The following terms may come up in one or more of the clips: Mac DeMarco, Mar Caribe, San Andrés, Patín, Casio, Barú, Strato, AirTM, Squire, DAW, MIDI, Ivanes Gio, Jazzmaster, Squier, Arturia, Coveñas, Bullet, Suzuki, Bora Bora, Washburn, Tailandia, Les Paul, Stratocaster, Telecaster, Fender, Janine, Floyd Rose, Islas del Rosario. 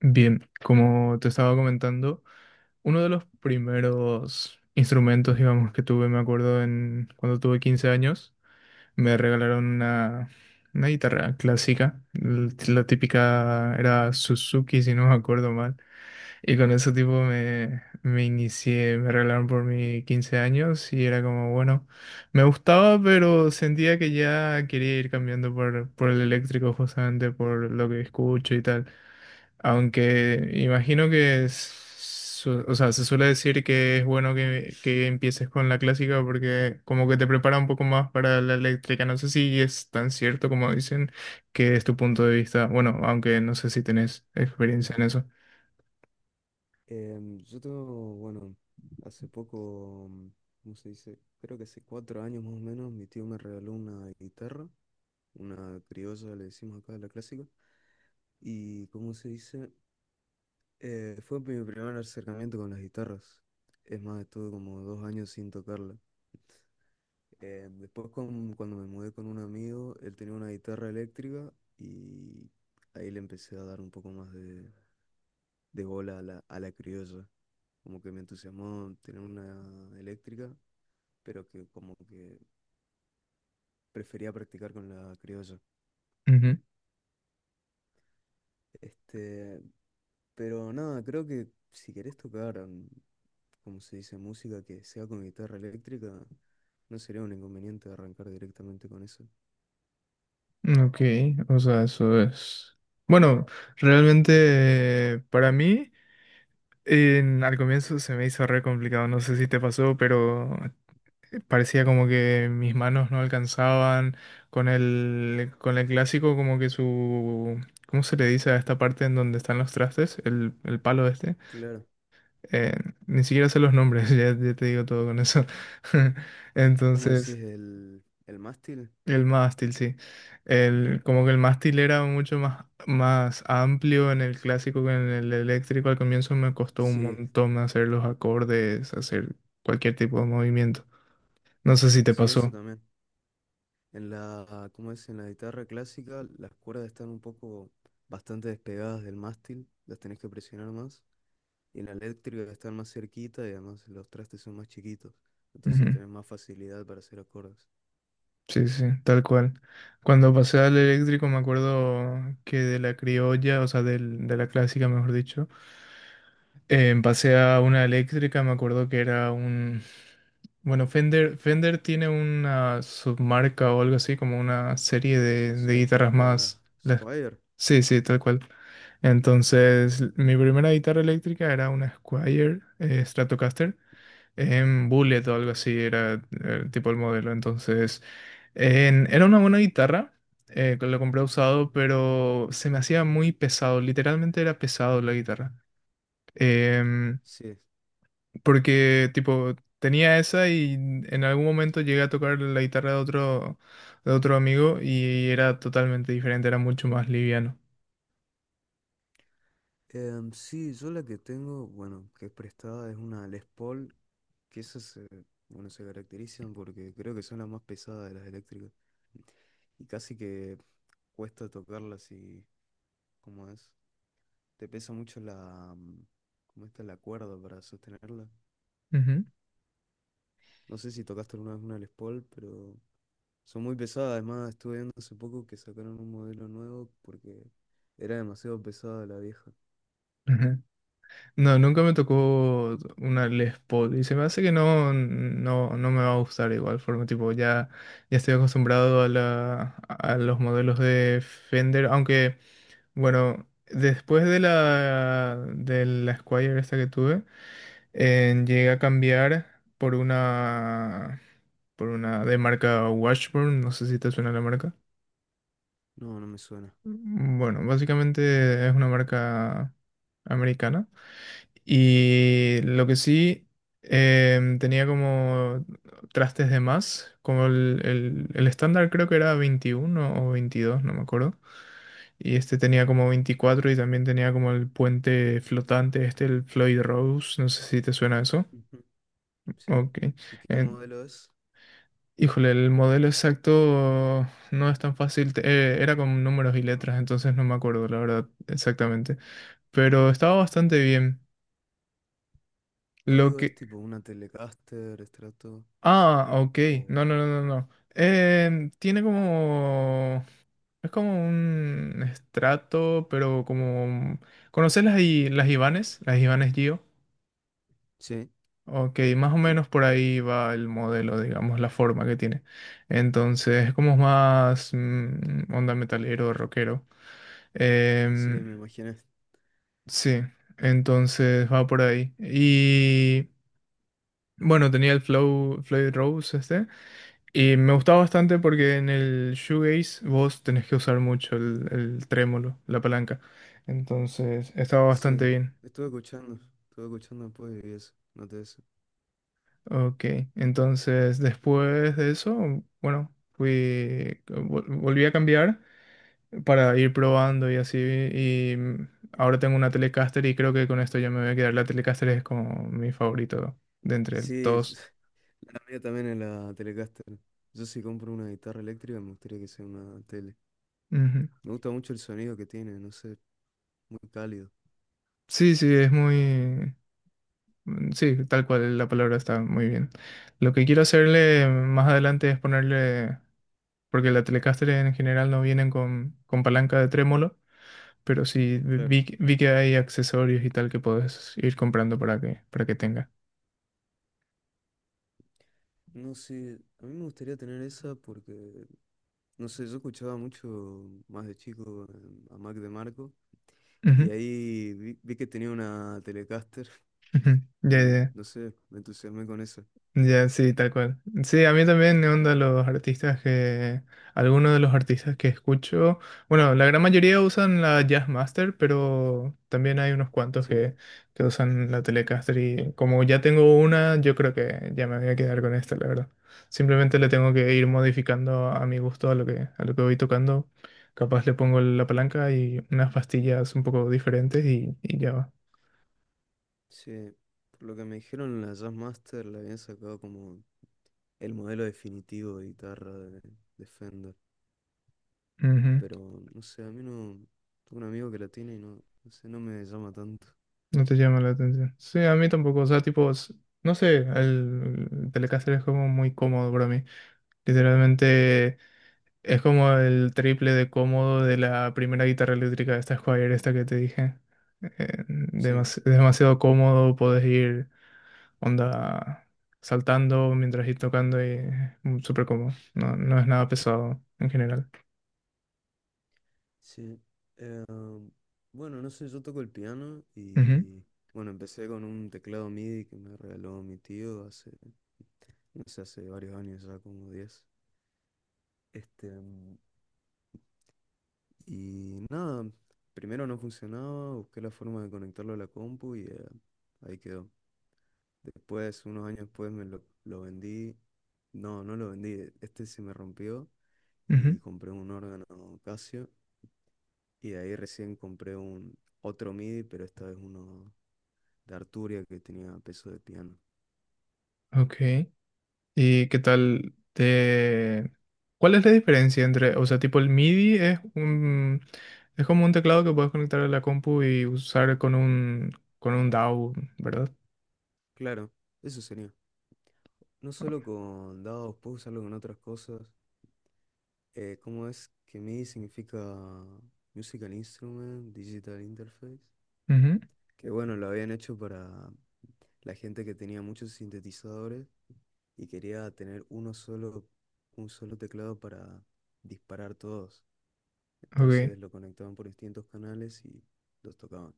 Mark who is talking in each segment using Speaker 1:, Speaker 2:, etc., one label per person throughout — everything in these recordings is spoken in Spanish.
Speaker 1: Bien, como te estaba comentando, uno de los primeros instrumentos, digamos, que tuve, me acuerdo, en cuando tuve 15 años, me regalaron una guitarra clásica, la típica era Suzuki, si no me acuerdo mal, y con ese tipo me inicié, me regalaron por mis 15 años y era como, bueno, me gustaba, pero sentía que ya quería ir cambiando por el eléctrico, justamente por lo que escucho y tal. Aunque imagino que, o sea, se suele decir que es bueno que empieces con la clásica porque como que te prepara un poco más para la eléctrica. No sé si es tan cierto como dicen que es tu punto de vista. Bueno, aunque no sé si tenés
Speaker 2: Mm.
Speaker 1: experiencia en eso.
Speaker 2: Yo tengo, hace poco, ¿cómo se dice? Creo que hace cuatro años más o menos, mi tío me regaló una guitarra, una criolla, le decimos acá, la clásica. Y, ¿cómo se dice? Fue mi primer acercamiento con las guitarras. Es más, estuve como dos años sin tocarla. Después, cuando me mudé con un amigo, él tenía una guitarra eléctrica y ahí le empecé a dar un poco más de bola a la criolla. Como que me entusiasmó tener una eléctrica, pero que como que prefería practicar con la criolla. Este, pero nada, creo que si querés tocar, como se dice, música que sea con guitarra eléctrica, no sería un inconveniente arrancar directamente con eso.
Speaker 1: Ujú. Ok, o sea, eso es. Bueno, realmente para mí al comienzo se me hizo re complicado, no sé si te pasó, pero parecía como que mis manos no alcanzaban con el clásico, como que su... ¿Cómo se le dice a esta parte en donde están los trastes? El palo este.
Speaker 2: Claro.
Speaker 1: Eh, Ni siquiera sé los nombres, ya te digo todo con eso.
Speaker 2: ¿Cómo
Speaker 1: Entonces,
Speaker 2: decís el mástil?
Speaker 1: el mástil, sí. El, como que el mástil era mucho más amplio en el clásico que en el eléctrico. Al comienzo me costó un
Speaker 2: Sí,
Speaker 1: montón hacer los acordes, hacer cualquier tipo de movimiento. No sé si te
Speaker 2: sí, eso
Speaker 1: pasó.
Speaker 2: también. En ¿cómo es? En la guitarra clásica, las cuerdas están un poco bastante despegadas del mástil, las tenés que presionar más. Y la eléctrica está más cerquita y además los trastes son más chiquitos. Entonces
Speaker 1: Ujú.
Speaker 2: tenés más facilidad para hacer acordes.
Speaker 1: Sí, sí, tal cual. Cuando pasé al eléctrico me acuerdo que de la criolla, o sea, de la clásica, mejor dicho, pasé a una eléctrica, me acuerdo que era un... Bueno, Fender tiene una submarca o algo así, como una serie
Speaker 2: Sí,
Speaker 1: de guitarras
Speaker 2: la
Speaker 1: más... las...
Speaker 2: Squire.
Speaker 1: Sí, sí, tal cual. Entonces, mi primera guitarra eléctrica era una Squier Stratocaster en Bullet o algo
Speaker 2: Ujú.
Speaker 1: así era el tipo el modelo. Entonces, era una buena guitarra, que lo compré usado, pero se me hacía muy pesado, literalmente era pesado la guitarra. Em,
Speaker 2: Sí.
Speaker 1: Porque tipo tenía esa y en algún momento llegué a tocar la guitarra de otro amigo y era totalmente diferente, era mucho más liviano.
Speaker 2: Sí, yo la que tengo, bueno, que es prestada es una Les Paul, que esas se, bueno, se caracterizan porque creo que son las más pesadas de las eléctricas. Y casi que cuesta tocarlas y, ¿cómo es? Te pesa mucho la, ¿cómo está la cuerda para sostenerla? No sé si tocaste alguna vez una Les Paul, pero son muy pesadas. Además estuve viendo hace poco que sacaron un modelo nuevo porque era demasiado pesada la vieja.
Speaker 1: Ujú. No, nunca me tocó una Les Paul y se me hace que no me va a gustar de igual forma, tipo, ya estoy acostumbrado a la, a los modelos de Fender, aunque, bueno, después de la Squier esta que tuve, llegué a cambiar por una de marca Washburn, no sé si te suena la marca.
Speaker 2: No, no me suena.
Speaker 1: Bueno, básicamente es una marca americana. Y lo que sí, tenía como trastes de más, como el estándar creo que era 21 o veintidós, no me acuerdo. Y este tenía como 24 y también tenía como el puente flotante, este, el Floyd Rose, no sé si te suena eso.
Speaker 2: Ujú. Sí.
Speaker 1: Ok.
Speaker 2: ¿Y qué
Speaker 1: Eh,
Speaker 2: modelo es?
Speaker 1: Híjole, el modelo exacto no es tan fácil, era con números y
Speaker 2: Ah,
Speaker 1: letras, entonces no me acuerdo la verdad exactamente, pero estaba
Speaker 2: ah,
Speaker 1: bastante bien.
Speaker 2: no
Speaker 1: Lo
Speaker 2: digo, es
Speaker 1: que...
Speaker 2: tipo una Telecaster, Strato
Speaker 1: Ah, ok.
Speaker 2: o...
Speaker 1: No, no, no, no, no. Tiene como... Es como un estrato, pero como... ¿Conoces las, las Ivanes? Las Ivanes Gio.
Speaker 2: Sí,
Speaker 1: Ok, más o menos por ahí va el modelo, digamos, la forma que tiene. Entonces, es como más onda metalero, rockero.
Speaker 2: sí,
Speaker 1: Em,
Speaker 2: me imaginé.
Speaker 1: sí, entonces va por ahí. Y bueno, tenía el Floyd Rose este. Y me gustaba bastante porque en el shoegaze vos tenés que usar mucho el trémolo, la palanca. Entonces, estaba bastante
Speaker 2: Sí,
Speaker 1: bien.
Speaker 2: estuve escuchando, estuve escuchando después y eso, noté eso.
Speaker 1: Ok, entonces después de eso, bueno, volví a cambiar para ir probando y así. Y ahora tengo una Telecaster y creo que con esto ya me voy a quedar. La Telecaster es como mi favorito de entre
Speaker 2: Sí,
Speaker 1: todos.
Speaker 2: la mía también es la Telecaster. Yo si compro una guitarra eléctrica me gustaría que sea una tele.
Speaker 1: Ujú.
Speaker 2: Me gusta mucho el sonido que tiene, no sé, muy cálido.
Speaker 1: Sí, sí, es muy... sí, tal cual, la palabra está muy bien. Lo que quiero hacerle más adelante es ponerle, porque la Telecaster en general no vienen con palanca de trémolo, pero sí
Speaker 2: Claro.
Speaker 1: vi que hay accesorios y tal que puedes ir comprando para que tenga.
Speaker 2: No sé, a mí me gustaría tener esa porque, no sé, yo escuchaba mucho más de chico a Mac DeMarco y
Speaker 1: Ujú,
Speaker 2: ahí vi, vi que tenía una Telecaster
Speaker 1: ujú. Ya, ya,
Speaker 2: y,
Speaker 1: ya.
Speaker 2: no sé, me entusiasmé con eso.
Speaker 1: Ya, sí, tal cual. Sí, a mí también me onda los artistas algunos de los artistas que escucho, bueno, la gran mayoría usan la Jazzmaster, pero también hay unos cuantos
Speaker 2: Sí,
Speaker 1: que usan la Telecaster y como ya tengo una, yo creo que ya me voy a quedar con esta, la verdad. Simplemente le tengo que ir modificando a mi gusto a lo que voy tocando. Capaz le pongo la palanca y unas pastillas un poco diferentes y ya
Speaker 2: sí. Por lo que me dijeron, la Jazzmaster la habían sacado como el modelo definitivo de guitarra de Fender.
Speaker 1: va.
Speaker 2: Pero, no sé, a mí no... Tengo un amigo que la tiene y no, no sé, no me llama tanto.
Speaker 1: No te llama la atención. Sí, a mí tampoco. O sea, tipo, no sé, el Telecaster es como muy cómodo para mí. Literalmente es como el triple de cómodo de la primera guitarra eléctrica, esta Squire, esta que te dije.
Speaker 2: Sí,
Speaker 1: Demasiado cómodo, podés ir onda saltando mientras ir tocando y súper cómodo. No, no es nada pesado en general.
Speaker 2: sí. Ah, bueno, no sé, yo toco el piano
Speaker 1: Ujú,
Speaker 2: y bueno, empecé con un teclado MIDI que me regaló mi tío hace, no sé, hace varios años, ya como diez. Este, mm, y nada, primero no funcionaba, busqué la forma de conectarlo a la compu y ahí quedó. Después, unos años después, lo vendí. No, no lo vendí, este se me rompió y
Speaker 1: ujú.
Speaker 2: compré un órgano Casio. Y de ahí recién compré un otro MIDI, pero esta vez uno de Arturia que tenía peso de piano.
Speaker 1: Ok. ¿Y qué tal te...? ¿Cuál es la diferencia entre, o sea, tipo el MIDI es como un teclado que puedes conectar a la compu y usar con un DAW, ¿verdad?
Speaker 2: Claro, eso sería. No solo con dados, puedo usarlo con otras cosas. ¿Cómo es? Que MIDI significa Musical Instrument, Digital Interface.
Speaker 1: Ujú,
Speaker 2: Que bueno, lo habían hecho para la gente que tenía muchos sintetizadores y quería tener uno solo, un solo teclado para disparar todos.
Speaker 1: ok.
Speaker 2: Entonces lo conectaban por distintos canales y los tocaban.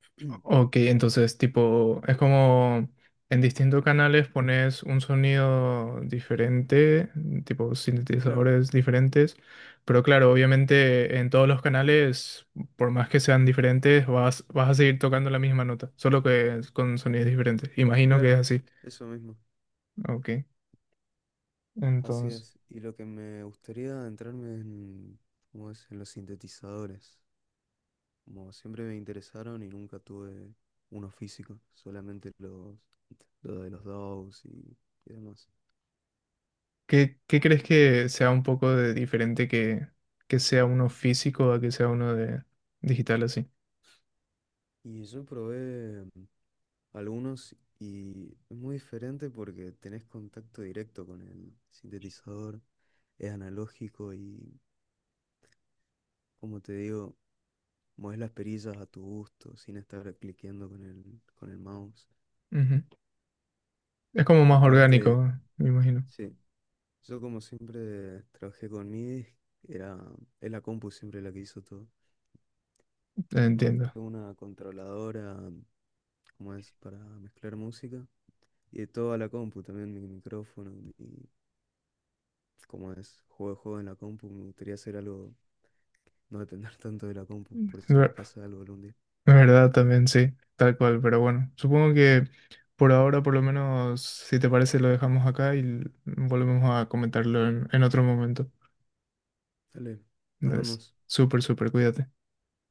Speaker 1: Ok, entonces tipo, es como en distintos canales pones un sonido diferente, tipo
Speaker 2: Claro,
Speaker 1: sintetizadores diferentes, pero claro, obviamente en todos los canales, por más que sean diferentes, vas a seguir tocando la misma nota, solo que es con sonidos diferentes. Imagino que
Speaker 2: claro,
Speaker 1: es así.
Speaker 2: eso mismo.
Speaker 1: Ok,
Speaker 2: Así
Speaker 1: entonces,
Speaker 2: es. Y lo que me gustaría adentrarme es en, ¿cómo es? En los sintetizadores. Como siempre me interesaron y nunca tuve uno físico, solamente los de los DAWs y demás.
Speaker 1: ¿qué crees que sea un poco de diferente que sea uno físico a que sea uno de digital así?
Speaker 2: Y yo probé algunos y es muy diferente porque tenés contacto directo con el sintetizador, es analógico y, como te digo, mueves las perillas a tu gusto sin estar cliqueando con con el mouse.
Speaker 1: Ujú. Es como más
Speaker 2: Aparte,
Speaker 1: orgánico, me imagino.
Speaker 2: sí. Yo como siempre trabajé con MIDI, era, es la compu siempre la que hizo todo. Es más,
Speaker 1: Entiendo.
Speaker 2: tengo una controladora, como es, para mezclar música. Y toda la compu, también mi micrófono, y como es, juego de juego en la compu. Me gustaría hacer algo, no depender tanto de la compu, por si le
Speaker 1: Ver-
Speaker 2: pasa algo algún día.
Speaker 1: Verdad también, sí, tal cual, pero bueno, supongo que por ahora, por lo menos, si te parece, lo dejamos acá y volvemos a comentarlo en otro momento.
Speaker 2: Dale, nos
Speaker 1: Entonces,
Speaker 2: vemos.
Speaker 1: súper, súper, cuídate.